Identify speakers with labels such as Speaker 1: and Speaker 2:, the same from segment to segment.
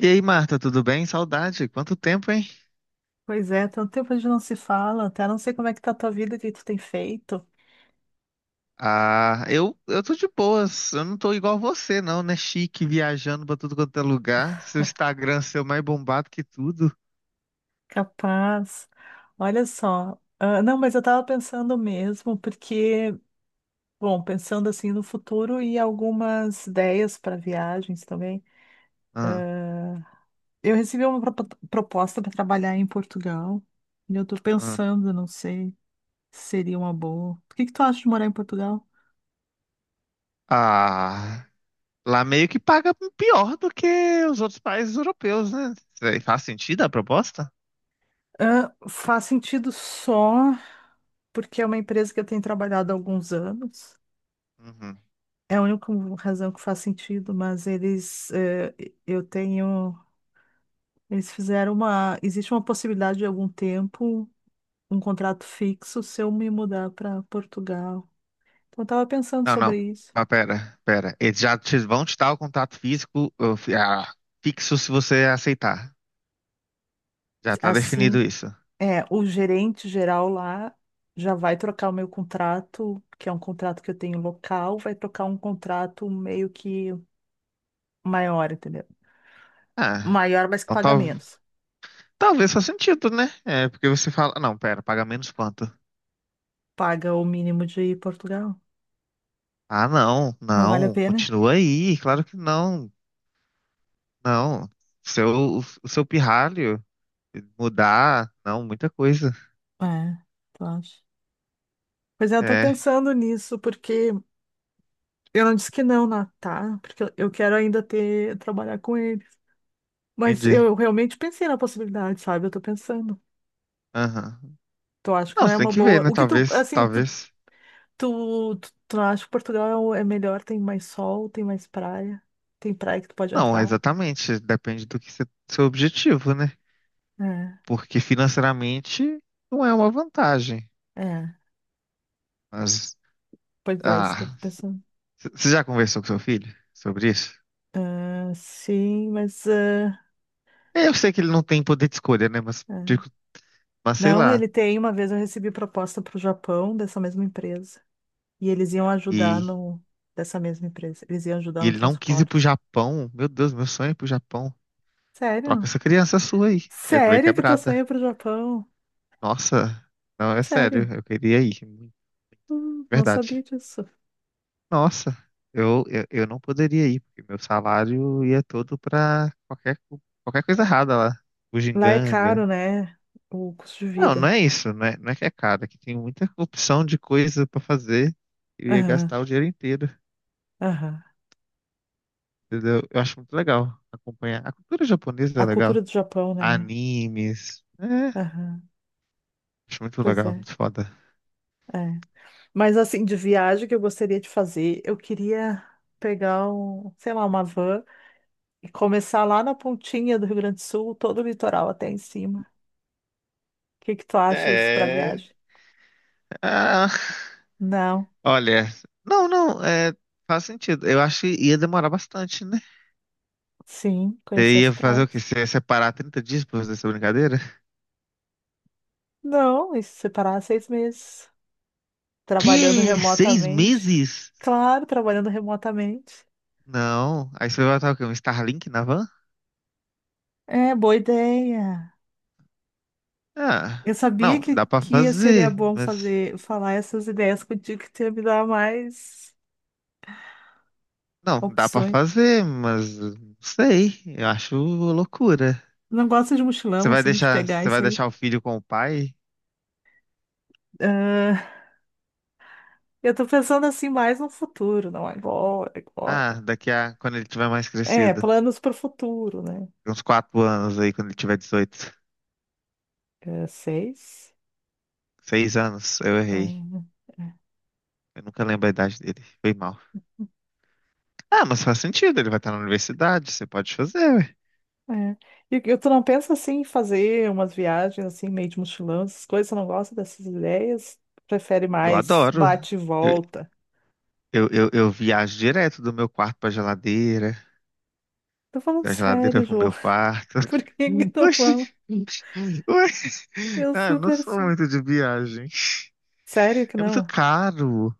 Speaker 1: E aí, Marta, tudo bem? Saudade. Quanto tempo, hein?
Speaker 2: Pois é, tanto tempo a gente não se fala, até não sei como é que tá a tua vida, o que tu tem feito.
Speaker 1: Eu tô de boas. Eu não tô igual você, não, né? Chique, viajando pra tudo quanto é lugar. Seu Instagram seu mais bombado que tudo.
Speaker 2: Capaz. Olha só. Ah, não, mas eu tava pensando mesmo, porque, bom, pensando assim no futuro e algumas ideias para viagens também.
Speaker 1: Ah,
Speaker 2: Eu recebi uma proposta para trabalhar em Portugal, e eu tô
Speaker 1: ah.
Speaker 2: pensando, não sei, se seria uma boa. O que que tu acha de morar em Portugal?
Speaker 1: Ah, Lá meio que paga pior do que os outros países europeus, né? Faz sentido a proposta?
Speaker 2: Ah, faz sentido só porque é uma empresa que eu tenho trabalhado há alguns anos.
Speaker 1: Uhum.
Speaker 2: É a única razão que faz sentido, mas eles, eu tenho, eles fizeram uma, existe uma possibilidade de algum tempo, um contrato fixo, se eu me mudar para Portugal. Então, eu estava pensando
Speaker 1: Não, não.
Speaker 2: sobre isso.
Speaker 1: Pera, pera. Vão te dar o contato físico, fixo se você aceitar. Já tá
Speaker 2: Assim,
Speaker 1: definido isso.
Speaker 2: é, o gerente geral lá já vai trocar o meu contrato, que é um contrato que eu tenho local, vai trocar um contrato meio que maior, entendeu?
Speaker 1: Ah,
Speaker 2: Maior, mas que
Speaker 1: então tá.
Speaker 2: paga menos.
Speaker 1: Talvez faça sentido, né? É, porque você fala, não, pera, paga menos quanto?
Speaker 2: Paga o mínimo de Portugal.
Speaker 1: Ah, não,
Speaker 2: Não vale a
Speaker 1: não,
Speaker 2: pena?
Speaker 1: continua aí, claro que não, não. Seu, o seu pirralho mudar, não, muita coisa.
Speaker 2: É, tu acha? Pois é, eu tô
Speaker 1: É,
Speaker 2: pensando nisso, porque eu não disse que não, tá? Porque eu quero ainda ter, trabalhar com eles. Mas
Speaker 1: entendi.
Speaker 2: eu realmente pensei na possibilidade, sabe? Eu tô pensando.
Speaker 1: Aham.
Speaker 2: Tu acha que
Speaker 1: Não,
Speaker 2: não é
Speaker 1: você tem
Speaker 2: uma
Speaker 1: que ver,
Speaker 2: boa.
Speaker 1: né?
Speaker 2: O que tu,
Speaker 1: Talvez,
Speaker 2: assim, tu,
Speaker 1: talvez.
Speaker 2: tu, tu, tu não acha que Portugal é melhor? Tem mais sol, tem mais praia, tem praia que tu pode
Speaker 1: Não,
Speaker 2: entrar?
Speaker 1: exatamente. Depende do que você, Seu objetivo, né?
Speaker 2: É,
Speaker 1: Porque financeiramente não é uma vantagem.
Speaker 2: é.
Speaker 1: Mas,
Speaker 2: Pois é, isso que eu tô
Speaker 1: ah,
Speaker 2: pensando.
Speaker 1: Você já conversou com seu filho sobre isso?
Speaker 2: Ah, sim, mas. Ah,
Speaker 1: Eu sei que ele não tem poder de escolha, né?
Speaker 2: é.
Speaker 1: Mas sei
Speaker 2: Não,
Speaker 1: lá.
Speaker 2: ele tem. Uma vez eu recebi proposta para o Japão dessa mesma empresa. E eles iam ajudar
Speaker 1: E,
Speaker 2: no, dessa mesma empresa. Eles iam ajudar
Speaker 1: e
Speaker 2: no
Speaker 1: ele não quis ir pro
Speaker 2: transporte.
Speaker 1: Japão. Meu Deus, meu sonho é ir pro Japão. Troca
Speaker 2: Sério?
Speaker 1: essa criança sua aí. Ele veio
Speaker 2: Sério que teu sonho
Speaker 1: quebrada.
Speaker 2: é pro Japão?
Speaker 1: Nossa, não, é
Speaker 2: Sério?
Speaker 1: sério. Eu queria ir muito.
Speaker 2: Não sabia
Speaker 1: Verdade.
Speaker 2: disso.
Speaker 1: Nossa, eu não poderia ir, porque meu salário ia todo pra qualquer coisa errada lá.
Speaker 2: Lá é
Speaker 1: Bugiganga.
Speaker 2: caro, né? O custo de
Speaker 1: Não, não
Speaker 2: vida.
Speaker 1: é isso. Não é, não é que é caro. É que tem muita opção de coisa pra fazer. Eu ia
Speaker 2: Aham,
Speaker 1: gastar o dinheiro inteiro.
Speaker 2: aham.
Speaker 1: Entendeu? Eu acho muito legal acompanhar. A cultura japonesa é
Speaker 2: A
Speaker 1: legal.
Speaker 2: cultura do Japão, né?
Speaker 1: Animes. É,
Speaker 2: Aham.
Speaker 1: acho muito
Speaker 2: Pois
Speaker 1: legal,
Speaker 2: é,
Speaker 1: muito foda.
Speaker 2: é. Mas assim, de viagem que eu gostaria de fazer, eu queria pegar sei lá, uma van e começar lá na pontinha do Rio Grande do Sul, todo o litoral até em cima. O que que tu acha isso pra
Speaker 1: É.
Speaker 2: viagem?
Speaker 1: Ah,
Speaker 2: Não.
Speaker 1: olha, não, não, é, Faz sentido. Eu acho que ia demorar bastante, né?
Speaker 2: Sim, conheci
Speaker 1: Você
Speaker 2: as
Speaker 1: ia fazer o quê?
Speaker 2: praias.
Speaker 1: Você ia separar 30 dias pra fazer essa brincadeira?
Speaker 2: Não, e se separar 6 meses. Trabalhando
Speaker 1: Que? Seis
Speaker 2: remotamente.
Speaker 1: meses?
Speaker 2: Claro, trabalhando remotamente.
Speaker 1: Não. Aí você vai botar o quê? Um Starlink na van?
Speaker 2: É, boa ideia.
Speaker 1: Ah,
Speaker 2: Eu sabia
Speaker 1: não,
Speaker 2: que,
Speaker 1: dá pra
Speaker 2: que seria
Speaker 1: fazer,
Speaker 2: bom
Speaker 1: mas.
Speaker 2: fazer, falar essas ideias contigo, que tu ia me dar mais
Speaker 1: Não, dá pra
Speaker 2: opções.
Speaker 1: fazer, mas não sei. Eu acho loucura.
Speaker 2: Não gosto de mochilão, assim, de pegar
Speaker 1: Você
Speaker 2: isso
Speaker 1: vai
Speaker 2: aí.
Speaker 1: deixar o filho com o pai?
Speaker 2: Ah, eu tô pensando, assim, mais no futuro, não agora, agora.
Speaker 1: Ah, daqui a quando ele tiver mais
Speaker 2: É,
Speaker 1: crescido.
Speaker 2: planos pro futuro, né?
Speaker 1: Uns quatro anos aí, quando ele tiver 18,
Speaker 2: É, seis.
Speaker 1: seis anos, eu
Speaker 2: É.
Speaker 1: errei.
Speaker 2: É.
Speaker 1: Eu nunca lembro a idade dele. Foi mal. Ah, mas faz sentido, ele vai estar na universidade, você pode fazer, ué.
Speaker 2: É. E tu não pensa assim em fazer umas viagens assim, meio de mochilão, essas coisas, tu não gosta dessas ideias? Prefere
Speaker 1: Eu
Speaker 2: mais
Speaker 1: adoro.
Speaker 2: bate e
Speaker 1: Eu,
Speaker 2: volta?
Speaker 1: eu viajo direto do meu quarto pra geladeira,
Speaker 2: Tô falando
Speaker 1: da geladeira
Speaker 2: sério,
Speaker 1: pro
Speaker 2: Ju.
Speaker 1: meu quarto.
Speaker 2: Por que que tu fala?
Speaker 1: Oxi! Ué,
Speaker 2: Eu
Speaker 1: eu não
Speaker 2: super
Speaker 1: sou
Speaker 2: sei.
Speaker 1: muito de viagem.
Speaker 2: Sério que
Speaker 1: É muito
Speaker 2: não?
Speaker 1: caro.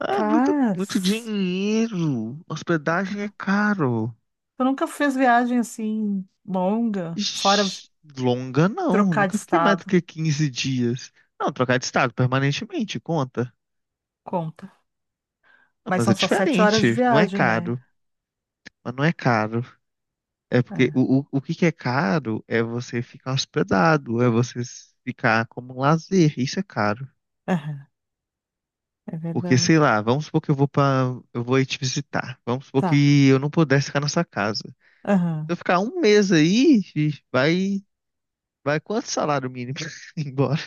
Speaker 1: Ah, muito, muito dinheiro. Hospedagem é
Speaker 2: Capaz.
Speaker 1: caro.
Speaker 2: Tu nunca fez viagem assim longa, fora
Speaker 1: Ixi, longa não,
Speaker 2: trocar de
Speaker 1: nunca fiquei mais do
Speaker 2: estado?
Speaker 1: que 15 dias. Não, trocar de estado permanentemente, conta.
Speaker 2: Conta.
Speaker 1: Não,
Speaker 2: Mas
Speaker 1: mas
Speaker 2: são
Speaker 1: é
Speaker 2: só 7 horas de
Speaker 1: diferente, não é
Speaker 2: viagem, né?
Speaker 1: caro, mas não é caro. É porque
Speaker 2: É,
Speaker 1: o que que é caro é você ficar hospedado, é ficar como um lazer, isso é caro.
Speaker 2: aham. É
Speaker 1: Porque,
Speaker 2: verdade.
Speaker 1: sei lá, vamos supor que eu vou ir te visitar, vamos supor
Speaker 2: Tá.
Speaker 1: que eu não pudesse ficar na sua casa. Se eu ficar um mês aí, ixi, vai, vai quanto salário mínimo embora?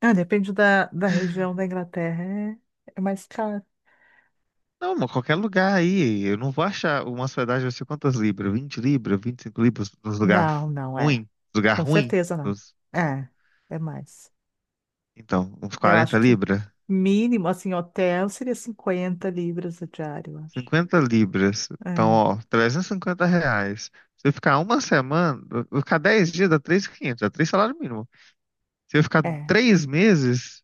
Speaker 2: Ah, depende da região da Inglaterra. É, é mais caro.
Speaker 1: Não, mano, qualquer lugar aí. Eu não vou achar uma hospedagem, vai ser quantas libras? 20 libras, 25 libras nos lugar
Speaker 2: Não, não é.
Speaker 1: ruim, lugar
Speaker 2: Com
Speaker 1: ruim.
Speaker 2: certeza não.
Speaker 1: nos-
Speaker 2: É, é mais.
Speaker 1: Então, uns
Speaker 2: Eu acho
Speaker 1: 40
Speaker 2: que o
Speaker 1: libras,
Speaker 2: mínimo, assim, hotel seria 50 libras a diária, eu acho.
Speaker 1: 50 libras. Então, ó, 350 reais. Se eu ficar uma semana, eu ficar 10 dias dá 3.500, dá 3 salário mínimo. Se eu ficar
Speaker 2: É, é.
Speaker 1: 3 meses,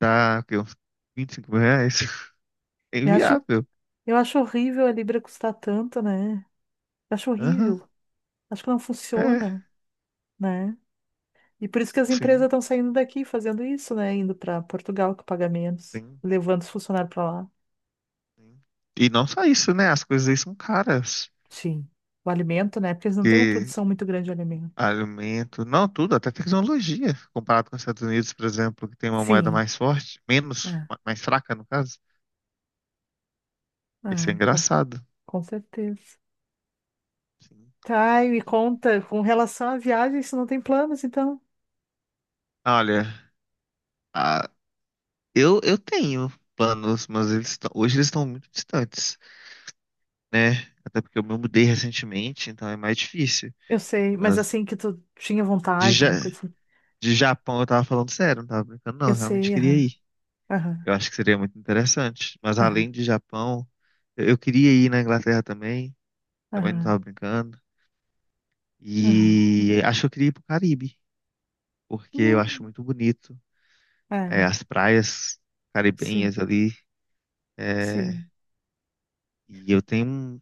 Speaker 1: dá o quê? Uns 25 mil reais. É
Speaker 2: Eu acho,
Speaker 1: inviável.
Speaker 2: eu acho horrível a libra custar tanto, né? Eu acho
Speaker 1: Aham.
Speaker 2: horrível. Acho que não
Speaker 1: É,
Speaker 2: funciona, né? E por isso que as empresas
Speaker 1: sim,
Speaker 2: estão saindo daqui fazendo isso, né? Indo para Portugal que paga menos,
Speaker 1: sim,
Speaker 2: levando os funcionários para lá.
Speaker 1: sim. E não só isso, né? As coisas aí são caras.
Speaker 2: Sim. O alimento, né? Porque eles não têm uma
Speaker 1: Porque
Speaker 2: produção muito grande de alimento.
Speaker 1: alimento, não tudo, até tecnologia, comparado com os Estados Unidos, por exemplo, que tem uma moeda
Speaker 2: Sim,
Speaker 1: mais forte, menos,
Speaker 2: é,
Speaker 1: mais fraca, no caso. Isso é
Speaker 2: é,
Speaker 1: engraçado.
Speaker 2: com certeza.
Speaker 1: Sim.
Speaker 2: Tá, e me conta, com relação à viagem, você não tem planos, então?
Speaker 1: Olha, ah, eu, eu tenho planos, mas eles estão, hoje eles estão muito distantes, né? Até porque eu me mudei recentemente, então é mais difícil.
Speaker 2: Eu sei, mas
Speaker 1: Mas
Speaker 2: assim que tu tinha
Speaker 1: de,
Speaker 2: vontade, alguma
Speaker 1: Ja-
Speaker 2: coisa assim.
Speaker 1: de Japão eu tava falando sério, não tava brincando, não,
Speaker 2: Eu
Speaker 1: eu realmente
Speaker 2: sei,
Speaker 1: queria
Speaker 2: aham,
Speaker 1: ir.
Speaker 2: aham,
Speaker 1: Eu acho que seria muito interessante. Mas
Speaker 2: aham,
Speaker 1: além de Japão, eu queria ir na Inglaterra também, também não
Speaker 2: aham,
Speaker 1: tava brincando.
Speaker 2: aham.
Speaker 1: E acho que eu queria ir pro Caribe, porque eu acho
Speaker 2: Hum,
Speaker 1: muito bonito, é,
Speaker 2: é,
Speaker 1: as praias
Speaker 2: sim,
Speaker 1: caribenhas ali. É,
Speaker 2: sim.
Speaker 1: e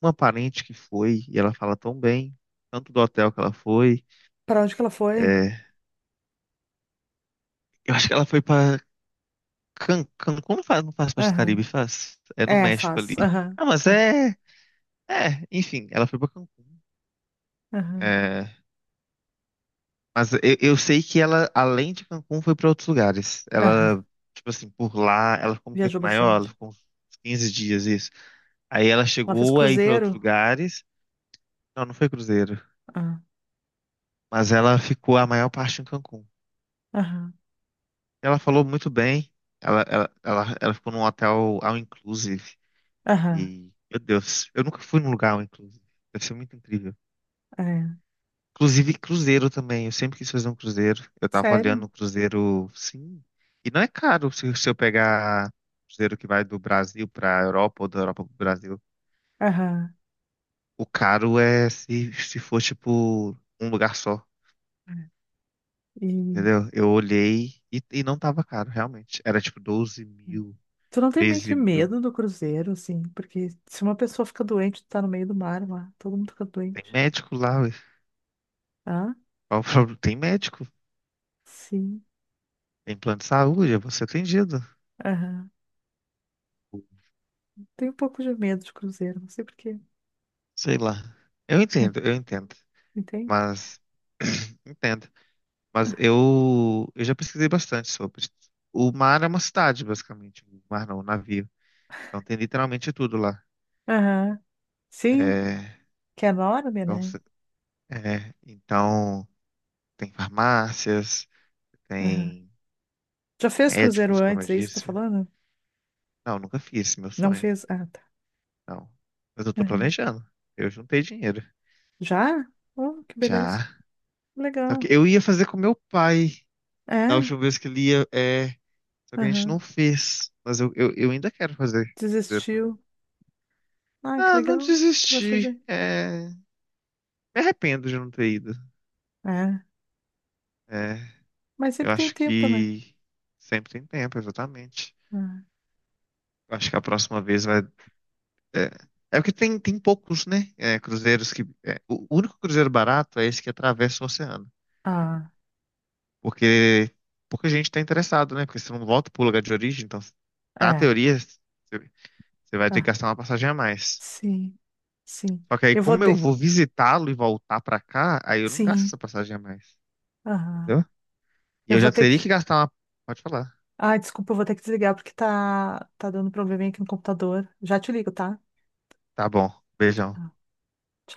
Speaker 1: uma parente que foi e ela fala tão bem, tanto do hotel que ela foi.
Speaker 2: Pra onde que ela foi?
Speaker 1: É, eu acho que ela foi para Cancún, não faz, não faz parte do Caribe,
Speaker 2: Aham.
Speaker 1: faz. É no
Speaker 2: É,
Speaker 1: México ali.
Speaker 2: faz, aham,
Speaker 1: Ah, mas
Speaker 2: Cancún,
Speaker 1: é, Enfim, ela foi para Cancún.
Speaker 2: aham,
Speaker 1: É, mas eu sei que ela, além de Cancún, foi para outros lugares.
Speaker 2: aham.
Speaker 1: Ela, tipo assim, por lá, ela ficou um tempo
Speaker 2: Viajou
Speaker 1: maior,
Speaker 2: bastante.
Speaker 1: ela ficou uns 15 dias, isso. Aí ela
Speaker 2: Ela fez
Speaker 1: chegou a ir para outros
Speaker 2: cruzeiro?
Speaker 1: lugares. Não, não foi cruzeiro.
Speaker 2: Ah,
Speaker 1: Mas ela ficou a maior parte em Cancún.
Speaker 2: aham,
Speaker 1: Ela falou muito bem. Ela ficou num hotel all inclusive.
Speaker 2: aham,
Speaker 1: E, meu Deus, eu nunca fui num lugar all inclusive. Deve ser muito incrível.
Speaker 2: é.
Speaker 1: Inclusive cruzeiro também. Eu sempre quis fazer um cruzeiro. Eu tava olhando
Speaker 2: Sério?
Speaker 1: um cruzeiro, sim. E não é caro se, se eu pegar cruzeiro que vai do Brasil pra Europa ou da Europa pro Brasil.
Speaker 2: Aham.
Speaker 1: O caro é se, se for tipo um lugar só,
Speaker 2: É. E
Speaker 1: entendeu? Eu olhei e não tava caro, realmente. Era tipo 12 mil,
Speaker 2: tu não tem meio
Speaker 1: treze
Speaker 2: que
Speaker 1: mil.
Speaker 2: medo do cruzeiro, assim? Porque se uma pessoa fica doente, tu tá no meio do mar lá, todo mundo fica
Speaker 1: Tem
Speaker 2: doente.
Speaker 1: médico lá, ué.
Speaker 2: Ah,
Speaker 1: Qual o problema? Tem médico,
Speaker 2: sim.
Speaker 1: tem plano de saúde, você atendido.
Speaker 2: Aham. Tenho um pouco de medo de cruzeiro, não sei por quê.
Speaker 1: Sei lá. Eu entendo, eu entendo.
Speaker 2: Entende?
Speaker 1: Mas entendo. Mas eu já pesquisei bastante sobre. O mar é uma cidade, basicamente. O mar não, o navio. Então tem literalmente tudo lá.
Speaker 2: Aham. Sim,
Speaker 1: É,
Speaker 2: que é enorme,
Speaker 1: então,
Speaker 2: né?
Speaker 1: se- então, tem farmácias,
Speaker 2: Aham.
Speaker 1: tem
Speaker 2: Já fez cruzeiro
Speaker 1: médicos, como eu
Speaker 2: antes, é isso que tá
Speaker 1: disse.
Speaker 2: falando?
Speaker 1: Não, nunca fiz, esse é meu
Speaker 2: Não
Speaker 1: sonho.
Speaker 2: fez? Ah, tá.
Speaker 1: Não. Mas eu tô
Speaker 2: Aham.
Speaker 1: planejando. Eu juntei dinheiro.
Speaker 2: Já? Oh, que
Speaker 1: Já.
Speaker 2: beleza.
Speaker 1: Só que
Speaker 2: Legal.
Speaker 1: eu ia fazer com meu pai da
Speaker 2: É?
Speaker 1: última vez que ele ia. É, só que a gente
Speaker 2: Aham.
Speaker 1: não fez. Mas eu ainda quero fazer, fazer com ele.
Speaker 2: Desistiu. Ah, que
Speaker 1: Ah, não
Speaker 2: legal. Tu vai
Speaker 1: desisti.
Speaker 2: fazer.
Speaker 1: É, me arrependo de não ter ido.
Speaker 2: É.
Speaker 1: É,
Speaker 2: Mas
Speaker 1: eu
Speaker 2: sempre tem
Speaker 1: acho
Speaker 2: tempo, né?
Speaker 1: que sempre tem tempo, exatamente.
Speaker 2: Hum.
Speaker 1: Eu acho que a próxima vez vai. É, é porque tem, tem poucos, né? É, cruzeiros que. É, o único cruzeiro barato é esse que atravessa o oceano.
Speaker 2: Ah,
Speaker 1: Porque pouca gente tá interessado, né? Porque você não volta pro lugar de origem, então, na
Speaker 2: é.
Speaker 1: teoria, você vai ter que
Speaker 2: Ah,
Speaker 1: gastar uma passagem a mais.
Speaker 2: sim, sim.
Speaker 1: Só que aí,
Speaker 2: Eu vou
Speaker 1: como eu
Speaker 2: ter.
Speaker 1: vou visitá-lo e voltar pra cá, aí eu não gasto
Speaker 2: Sim,
Speaker 1: essa passagem a mais.
Speaker 2: aham.
Speaker 1: Entendeu? E
Speaker 2: Eu
Speaker 1: eu
Speaker 2: vou
Speaker 1: já
Speaker 2: ter
Speaker 1: teria
Speaker 2: que.
Speaker 1: que gastar uma. Pode falar.
Speaker 2: Ah, desculpa, eu vou ter que desligar porque tá dando probleminha aqui no computador. Já te ligo, tá?
Speaker 1: Tá bom. Beijão.